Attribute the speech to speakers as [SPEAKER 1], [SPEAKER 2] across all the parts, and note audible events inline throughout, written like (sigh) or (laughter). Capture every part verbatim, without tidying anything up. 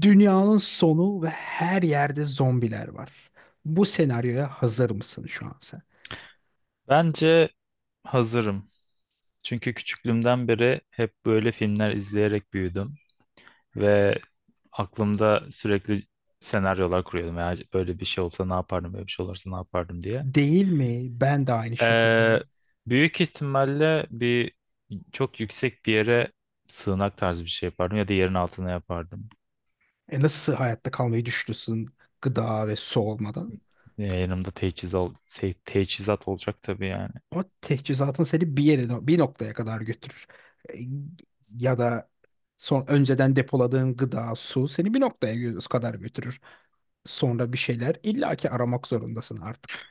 [SPEAKER 1] Dünyanın sonu ve her yerde zombiler var. Bu senaryoya hazır mısın şu an sen?
[SPEAKER 2] Bence hazırım. Çünkü küçüklüğümden beri hep böyle filmler izleyerek büyüdüm ve aklımda sürekli senaryolar kuruyordum. Ya böyle bir şey olsa ne yapardım, böyle bir şey olursa ne yapardım diye.
[SPEAKER 1] Değil mi? Ben de aynı şekilde.
[SPEAKER 2] Ee, Büyük ihtimalle bir çok yüksek bir yere sığınak tarzı bir şey yapardım ya da yerin altına yapardım.
[SPEAKER 1] E nasıl hayatta kalmayı düşünürsün gıda ve su olmadan?
[SPEAKER 2] Ee, yanımda teçhizat, teçhizat olacak tabii yani.
[SPEAKER 1] O teçhizatın seni bir yere, no, bir noktaya kadar götürür. E, Ya da son önceden depoladığın gıda, su seni bir noktaya gö- kadar götürür. Sonra bir şeyler illaki aramak zorundasın artık.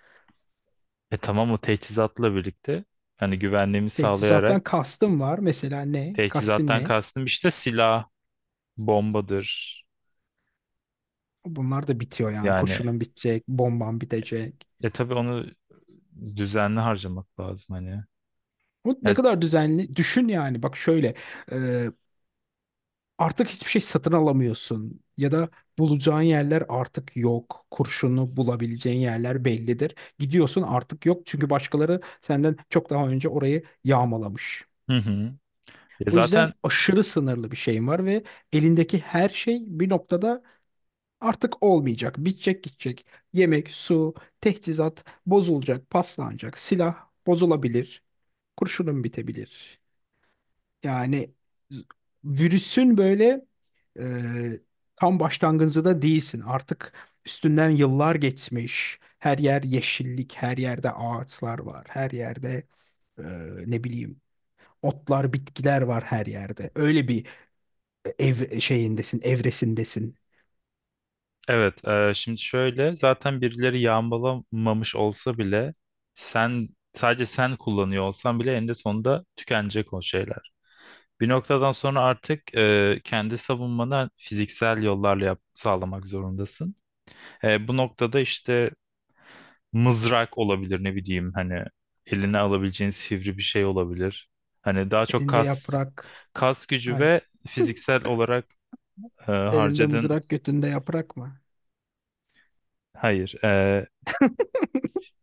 [SPEAKER 2] E tamam, o teçhizatla birlikte hani güvenliğimi sağlayarak.
[SPEAKER 1] Teçhizattan kastım var. Mesela ne? Kastın
[SPEAKER 2] Teçhizattan
[SPEAKER 1] ne?
[SPEAKER 2] kastım işte silah, bombadır.
[SPEAKER 1] Bunlar da bitiyor yani.
[SPEAKER 2] Yani
[SPEAKER 1] Kurşunun bitecek, bomban bitecek.
[SPEAKER 2] e tabii onu düzenli harcamak lazım hani.
[SPEAKER 1] Bu ne
[SPEAKER 2] Ya-
[SPEAKER 1] kadar düzenli. Düşün yani. Bak şöyle. e, Artık hiçbir şey satın alamıyorsun. Ya da bulacağın yerler artık yok. Kurşunu bulabileceğin yerler bellidir. Gidiyorsun artık yok. Çünkü başkaları senden çok daha önce orayı yağmalamış.
[SPEAKER 2] hı hı. Ya
[SPEAKER 1] O yüzden
[SPEAKER 2] zaten
[SPEAKER 1] aşırı sınırlı bir şeyim var ve elindeki her şey bir noktada artık olmayacak. Bitecek gidecek. Yemek, su, teçhizat bozulacak, paslanacak. Silah bozulabilir. Kurşunun bitebilir. Yani z- virüsün böyle e, tam başlangıcında da değilsin. Artık üstünden yıllar geçmiş. Her yer yeşillik, her yerde ağaçlar var. Her yerde e, ne bileyim otlar, bitkiler var her yerde. Öyle bir ev şeyindesin, evresindesin.
[SPEAKER 2] evet, e, şimdi şöyle, zaten birileri yağmalamamış olsa bile sen sadece sen kullanıyor olsan bile eninde sonunda tükenecek o şeyler. Bir noktadan sonra artık e, kendi savunmanı fiziksel yollarla yap- sağlamak zorundasın. E, bu noktada işte mızrak olabilir, ne bileyim hani, eline alabileceğin sivri bir şey olabilir. Hani daha çok
[SPEAKER 1] Elinde
[SPEAKER 2] kas.
[SPEAKER 1] yaprak.
[SPEAKER 2] Kas gücü ve
[SPEAKER 1] Hayır.
[SPEAKER 2] fiziksel olarak e,
[SPEAKER 1] Elinde
[SPEAKER 2] harcadığın,
[SPEAKER 1] mızrak, götünde yaprak mı?
[SPEAKER 2] hayır, e,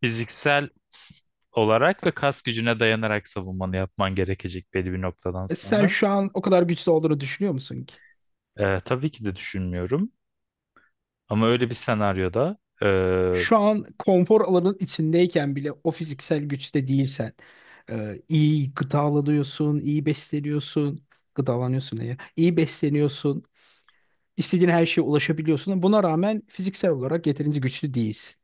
[SPEAKER 2] fiziksel s- olarak ve kas gücüne dayanarak savunmanı yapman gerekecek belli bir noktadan
[SPEAKER 1] E sen
[SPEAKER 2] sonra.
[SPEAKER 1] şu an o kadar güçlü olduğunu düşünüyor musun ki?
[SPEAKER 2] E, tabii ki de düşünmüyorum. Ama öyle bir senaryoda, e,
[SPEAKER 1] Şu an konfor alanın içindeyken bile o fiziksel güçte değilsen, e, iyi gıdalanıyorsun, iyi besleniyorsun, gıdalanıyorsun ne ya, iyi besleniyorsun, istediğin her şeye ulaşabiliyorsun. Buna rağmen fiziksel olarak yeterince güçlü değilsin.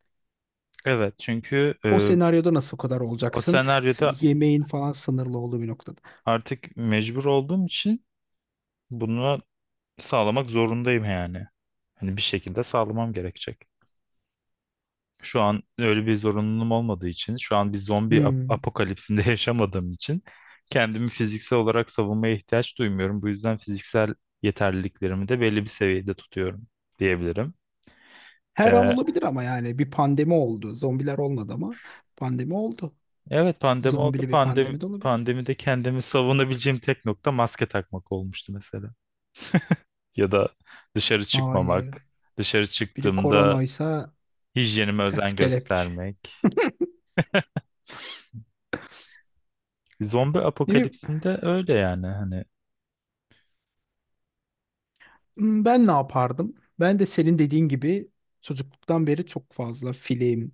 [SPEAKER 2] evet çünkü
[SPEAKER 1] O
[SPEAKER 2] e,
[SPEAKER 1] senaryoda nasıl o kadar
[SPEAKER 2] o
[SPEAKER 1] olacaksın? S-
[SPEAKER 2] senaryoda
[SPEAKER 1] Yemeğin falan sınırlı olduğu bir noktada.
[SPEAKER 2] artık mecbur olduğum için bunu sağlamak zorundayım yani. Hani bir şekilde sağlamam gerekecek. Şu an öyle bir zorunluluğum olmadığı için, şu an bir zombi ap-
[SPEAKER 1] Hmm.
[SPEAKER 2] apokalipsinde (laughs) yaşamadığım için kendimi fiziksel olarak savunmaya ihtiyaç duymuyorum. Bu yüzden fiziksel yeterliliklerimi de belli bir seviyede tutuyorum diyebilirim.
[SPEAKER 1] Her an
[SPEAKER 2] Ee,
[SPEAKER 1] olabilir ama yani bir pandemi oldu. Zombiler olmadı ama pandemi oldu.
[SPEAKER 2] evet, pandemi oldu.
[SPEAKER 1] Zombili bir
[SPEAKER 2] Pandemi
[SPEAKER 1] pandemi de olabilir.
[SPEAKER 2] pandemide kendimi savunabileceğim tek nokta maske takmak olmuştu mesela. Ya da dışarı
[SPEAKER 1] Hayır.
[SPEAKER 2] çıkmamak, dışarı
[SPEAKER 1] Biri
[SPEAKER 2] çıktığımda
[SPEAKER 1] koronoysa
[SPEAKER 2] hijyenime
[SPEAKER 1] ters
[SPEAKER 2] özen
[SPEAKER 1] kelepçe.
[SPEAKER 2] göstermek. Zombi
[SPEAKER 1] Ne bileyim,
[SPEAKER 2] apokalipsinde öyle yani hani.
[SPEAKER 1] hmm, ben ne yapardım? Ben de senin dediğin gibi çocukluktan beri çok fazla film,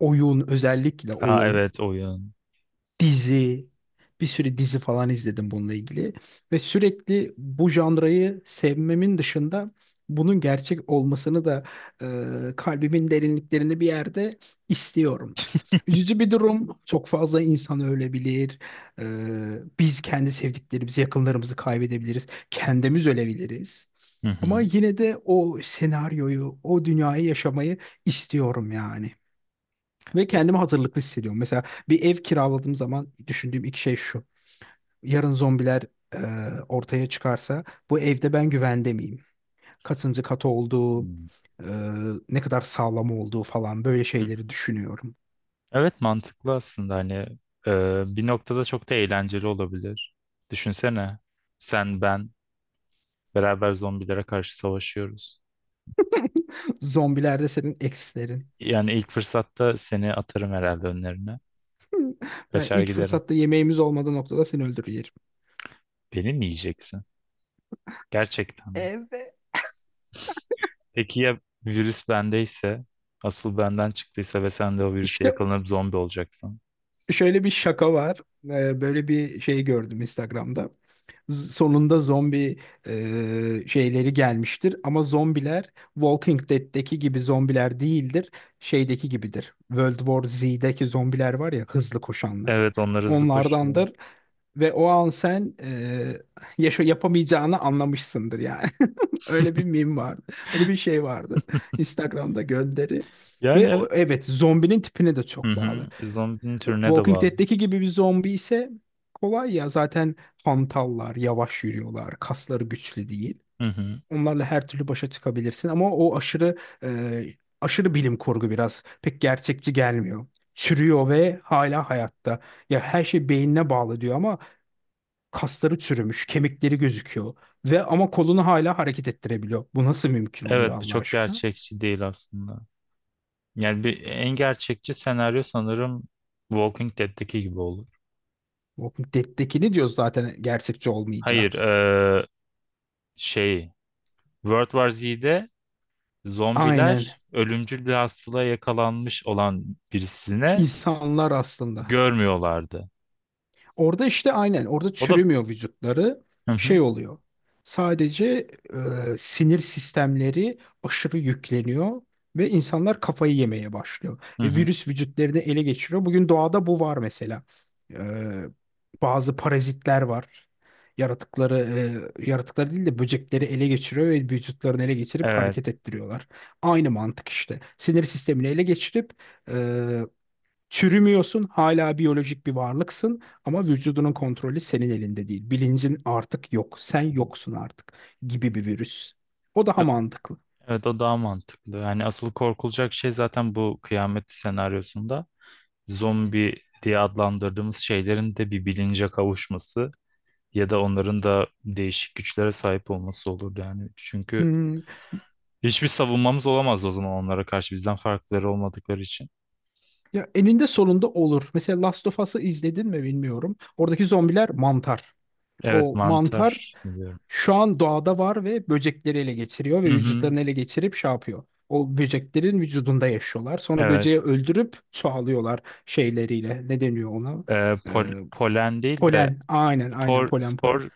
[SPEAKER 1] oyun, özellikle
[SPEAKER 2] Aa,
[SPEAKER 1] oyun.
[SPEAKER 2] evet, oyun.
[SPEAKER 1] Dizi, bir sürü dizi falan izledim bununla ilgili. Ve sürekli bu janrayı sevmemin dışında bunun gerçek olmasını da e, kalbimin derinliklerinde bir yerde istiyorum. Üzücü bir durum. Çok fazla insan ölebilir. E, Biz kendi sevdiklerimizi, yakınlarımızı kaybedebiliriz. Kendimiz ölebiliriz.
[SPEAKER 2] Hı
[SPEAKER 1] Ama
[SPEAKER 2] hı.
[SPEAKER 1] yine de o senaryoyu, o dünyayı yaşamayı istiyorum yani. Ve kendimi hazırlıklı hissediyorum. Mesela bir ev kiraladığım zaman düşündüğüm iki şey şu. Yarın zombiler e, ortaya çıkarsa bu evde ben güvende miyim? Kaçıncı katı olduğu,
[SPEAKER 2] Hmm.
[SPEAKER 1] e, ne kadar sağlam olduğu falan böyle
[SPEAKER 2] Hı hı.
[SPEAKER 1] şeyleri düşünüyorum.
[SPEAKER 2] Evet, mantıklı aslında hani, e, bir noktada çok da eğlenceli olabilir. Düşünsene, sen ben beraber zombilere karşı savaşıyoruz.
[SPEAKER 1] (laughs) Zombiler de senin eksilerin.
[SPEAKER 2] Yani ilk fırsatta seni atarım herhalde önlerine.
[SPEAKER 1] Ben
[SPEAKER 2] Kaçar
[SPEAKER 1] ilk
[SPEAKER 2] giderim.
[SPEAKER 1] fırsatta yemeğimiz olmadığı noktada seni öldürür yerim.
[SPEAKER 2] Beni mi yiyeceksin? Gerçekten mi?
[SPEAKER 1] Evet.
[SPEAKER 2] Peki ya virüs bendeyse, asıl benden çıktıysa ve sen de o virüse
[SPEAKER 1] İşte
[SPEAKER 2] yakalanıp zombi olacaksın?
[SPEAKER 1] şöyle bir şaka var. E, böyle bir şey gördüm Instagram'da. Z- Sonunda zombi e, şeyleri gelmiştir ama zombiler Walking Dead'deki gibi zombiler değildir. Şeydeki gibidir. World War Z'deki zombiler var ya hızlı koşanlar.
[SPEAKER 2] Evet, onlar hızlı koşuyor.
[SPEAKER 1] Onlardandır ve o an sen e, yaşa yapamayacağını anlamışsındır yani. (laughs) Öyle bir meme vardı. Öyle bir şey vardı. Instagram'da gönderi.
[SPEAKER 2] Yani
[SPEAKER 1] Ve o-
[SPEAKER 2] evet.
[SPEAKER 1] evet zombinin tipine de
[SPEAKER 2] Hı
[SPEAKER 1] çok bağlı.
[SPEAKER 2] hı. Zombinin türüne de
[SPEAKER 1] Walking
[SPEAKER 2] bağlı.
[SPEAKER 1] Dead'deki gibi bir zombi ise kolay ya. Zaten hantallar, yavaş yürüyorlar, kasları güçlü değil.
[SPEAKER 2] Hı hı.
[SPEAKER 1] Onlarla her türlü başa çıkabilirsin ama o aşırı e, aşırı bilim kurgu biraz pek gerçekçi gelmiyor. Çürüyor ve hala hayatta. Ya her şey beynine bağlı diyor ama kasları çürümüş, kemikleri gözüküyor ve ama kolunu hala hareket ettirebiliyor. Bu nasıl mümkün
[SPEAKER 2] Evet,
[SPEAKER 1] oluyor
[SPEAKER 2] bu
[SPEAKER 1] Allah
[SPEAKER 2] çok
[SPEAKER 1] aşkına?
[SPEAKER 2] gerçekçi değil aslında. Yani bir en gerçekçi senaryo sanırım Walking Dead'teki gibi olur.
[SPEAKER 1] Walking Dead'dekini diyoruz zaten gerçekçi
[SPEAKER 2] Hayır,
[SPEAKER 1] olmayacak.
[SPEAKER 2] eee, şey, World War Z'de
[SPEAKER 1] Aynen.
[SPEAKER 2] zombiler ölümcül bir hastalığa yakalanmış olan birisine
[SPEAKER 1] İnsanlar aslında.
[SPEAKER 2] görmüyorlardı.
[SPEAKER 1] Orada işte aynen orada
[SPEAKER 2] O da
[SPEAKER 1] çürümüyor vücutları.
[SPEAKER 2] hı hı,
[SPEAKER 1] Şey oluyor. Sadece e, sinir sistemleri aşırı yükleniyor ve insanlar kafayı yemeye başlıyor.
[SPEAKER 2] hı
[SPEAKER 1] Ve
[SPEAKER 2] hı.
[SPEAKER 1] virüs vücutlarını ele geçiriyor. Bugün doğada bu var mesela. E, Bazı parazitler var. Yaratıkları, e, yaratıkları değil de böcekleri ele geçiriyor ve vücutlarını ele geçirip hareket
[SPEAKER 2] Evet.
[SPEAKER 1] ettiriyorlar. Aynı mantık işte. Sinir sistemini ele geçirip e, çürümüyorsun, hala biyolojik bir varlıksın ama vücudunun kontrolü senin elinde değil. Bilincin artık yok, sen yoksun artık gibi bir virüs. O daha
[SPEAKER 2] E-
[SPEAKER 1] mantıklı.
[SPEAKER 2] Evet, o daha mantıklı. Yani asıl korkulacak şey zaten bu kıyamet senaryosunda, zombi diye adlandırdığımız şeylerin de bir bilince kavuşması ya da onların da değişik güçlere sahip olması olurdu yani. Çünkü
[SPEAKER 1] Hmm.
[SPEAKER 2] hiçbir savunmamız olamaz o zaman onlara karşı, bizden farkları olmadıkları için.
[SPEAKER 1] Ya eninde sonunda olur. Mesela Last of Us'ı izledin mi bilmiyorum. Oradaki zombiler mantar.
[SPEAKER 2] Evet,
[SPEAKER 1] O mantar
[SPEAKER 2] mantar diyorum.
[SPEAKER 1] şu an doğada var ve böcekleri ele geçiriyor ve
[SPEAKER 2] Hı hı,
[SPEAKER 1] vücutlarını ele geçirip şey yapıyor. O böceklerin vücudunda yaşıyorlar. Sonra böceği
[SPEAKER 2] evet.
[SPEAKER 1] öldürüp çoğalıyorlar şeyleriyle. Ne deniyor ona?
[SPEAKER 2] Ee,
[SPEAKER 1] Ee,
[SPEAKER 2] pol- polen değil de
[SPEAKER 1] Polen. Aynen aynen
[SPEAKER 2] spor
[SPEAKER 1] polen polen.
[SPEAKER 2] spor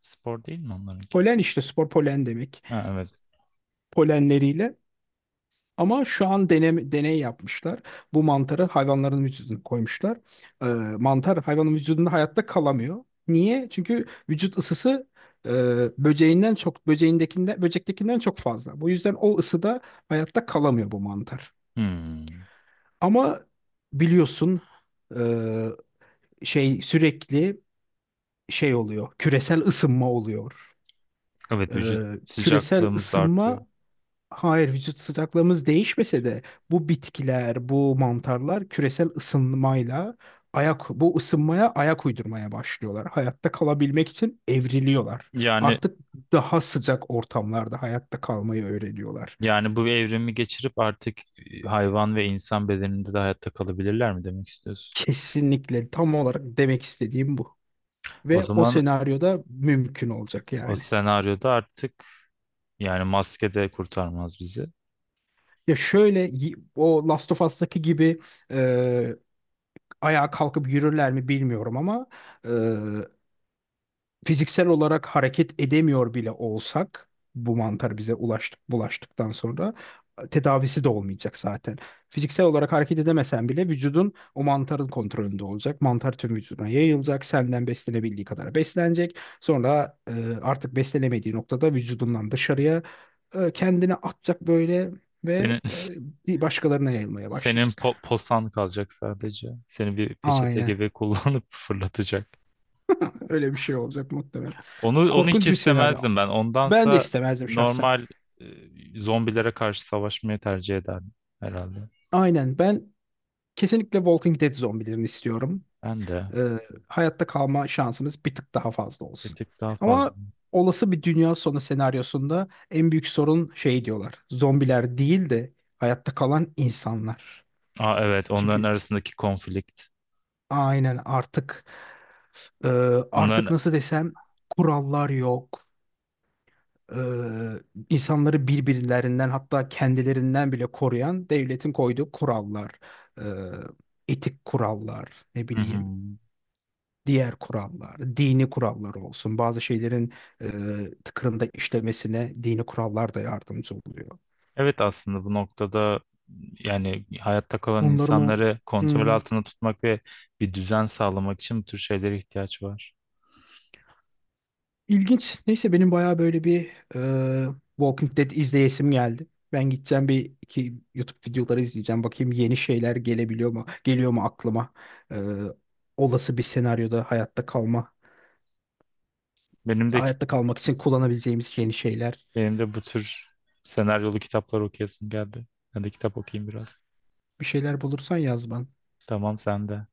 [SPEAKER 2] spor değil mi onlarınki?
[SPEAKER 1] Polen işte spor polen demek.
[SPEAKER 2] Ha, evet.
[SPEAKER 1] Polenleriyle ama şu an deneme, deney yapmışlar. Bu mantarı hayvanların vücuduna koymuşlar. Ee, Mantar hayvanın vücudunda hayatta kalamıyor. Niye? Çünkü vücut ısısı e, böceğinden çok böceğindekinden böcektekinden çok fazla. Bu yüzden o ısıda hayatta kalamıyor bu mantar.
[SPEAKER 2] Hmm.
[SPEAKER 1] Ama biliyorsun e, şey sürekli şey oluyor. Küresel ısınma oluyor.
[SPEAKER 2] Evet, vücut
[SPEAKER 1] Ee, küresel
[SPEAKER 2] sıcaklığımız da artıyor.
[SPEAKER 1] ısınma Hayır, vücut sıcaklığımız değişmese de bu bitkiler, bu mantarlar küresel ısınmayla ayak bu ısınmaya ayak uydurmaya başlıyorlar. Hayatta kalabilmek için evriliyorlar.
[SPEAKER 2] Yani,
[SPEAKER 1] Artık daha sıcak ortamlarda hayatta kalmayı öğreniyorlar.
[SPEAKER 2] yani bu evrimi geçirip artık e, hayvan ve insan bedeninde de hayatta kalabilirler mi demek istiyorsun?
[SPEAKER 1] Kesinlikle tam olarak demek istediğim bu.
[SPEAKER 2] O
[SPEAKER 1] Ve o
[SPEAKER 2] zaman
[SPEAKER 1] senaryoda mümkün olacak
[SPEAKER 2] o
[SPEAKER 1] yani.
[SPEAKER 2] senaryoda artık, yani maske de kurtarmaz bizi.
[SPEAKER 1] Ya şöyle y- o Last of Us'taki gibi e, ayağa kalkıp yürürler mi bilmiyorum ama fiziksel olarak hareket edemiyor bile olsak bu mantar bize ulaştık, bulaştıktan sonra tedavisi de olmayacak zaten. Fiziksel olarak hareket edemesen bile vücudun o mantarın kontrolünde olacak. Mantar tüm vücuduna yayılacak. Senden beslenebildiği kadar beslenecek. Sonra e, artık beslenemediği noktada vücudundan dışarıya e, kendini atacak böyle ve
[SPEAKER 2] Senin (laughs)
[SPEAKER 1] e, başkalarına yayılmaya
[SPEAKER 2] senin po-
[SPEAKER 1] başlayacak.
[SPEAKER 2] posan kalacak sadece. Seni bir peçete
[SPEAKER 1] Aynen.
[SPEAKER 2] gibi kullanıp (laughs) fırlatacak.
[SPEAKER 1] Öyle bir şey olacak muhtemelen.
[SPEAKER 2] Onu onu hiç
[SPEAKER 1] Korkunç bir senaryo.
[SPEAKER 2] istemezdim ben.
[SPEAKER 1] Ben de
[SPEAKER 2] Ondansa
[SPEAKER 1] istemezdim şahsen.
[SPEAKER 2] normal, e, zombilere karşı savaşmayı tercih ederdim herhalde.
[SPEAKER 1] Aynen ben kesinlikle Walking Dead zombilerini istiyorum.
[SPEAKER 2] Ben de.
[SPEAKER 1] Ee, hayatta kalma şansımız bir tık daha fazla
[SPEAKER 2] Bir
[SPEAKER 1] olsun.
[SPEAKER 2] tık daha fazla.
[SPEAKER 1] Ama olası bir dünya sonu senaryosunda en büyük sorun şey diyorlar. Zombiler değil de hayatta kalan insanlar.
[SPEAKER 2] Aa, evet, onların
[SPEAKER 1] Çünkü
[SPEAKER 2] arasındaki konflikt.
[SPEAKER 1] aynen artık e, artık
[SPEAKER 2] Onların.
[SPEAKER 1] nasıl desem kurallar yok. Ee, insanları birbirlerinden hatta kendilerinden bile koruyan devletin koyduğu kurallar, e, etik kurallar, ne
[SPEAKER 2] Hı hı.
[SPEAKER 1] bileyim diğer kurallar, dini kurallar olsun. Bazı şeylerin e, tıkırında işlemesine dini kurallar da yardımcı oluyor.
[SPEAKER 2] Evet, aslında bu noktada, yani hayatta kalan
[SPEAKER 1] Bunların o
[SPEAKER 2] insanları kontrol
[SPEAKER 1] hmm,
[SPEAKER 2] altında tutmak ve bir düzen sağlamak için bu tür şeylere ihtiyaç var.
[SPEAKER 1] ilginç. Neyse benim bayağı böyle bir e, Walking Dead izleyesim geldi. Ben gideceğim bir iki YouTube videoları izleyeceğim. Bakayım yeni şeyler gelebiliyor mu? Geliyor mu aklıma? E, Olası bir senaryoda hayatta kalma,
[SPEAKER 2] Benim de kit-
[SPEAKER 1] hayatta kalmak için kullanabileceğimiz yeni şeyler.
[SPEAKER 2] Benim de bu tür senaryolu kitaplar okuyasım geldi. Ben de kitap okuyayım biraz.
[SPEAKER 1] Bir şeyler bulursan yaz bana.
[SPEAKER 2] Tamam, sen de.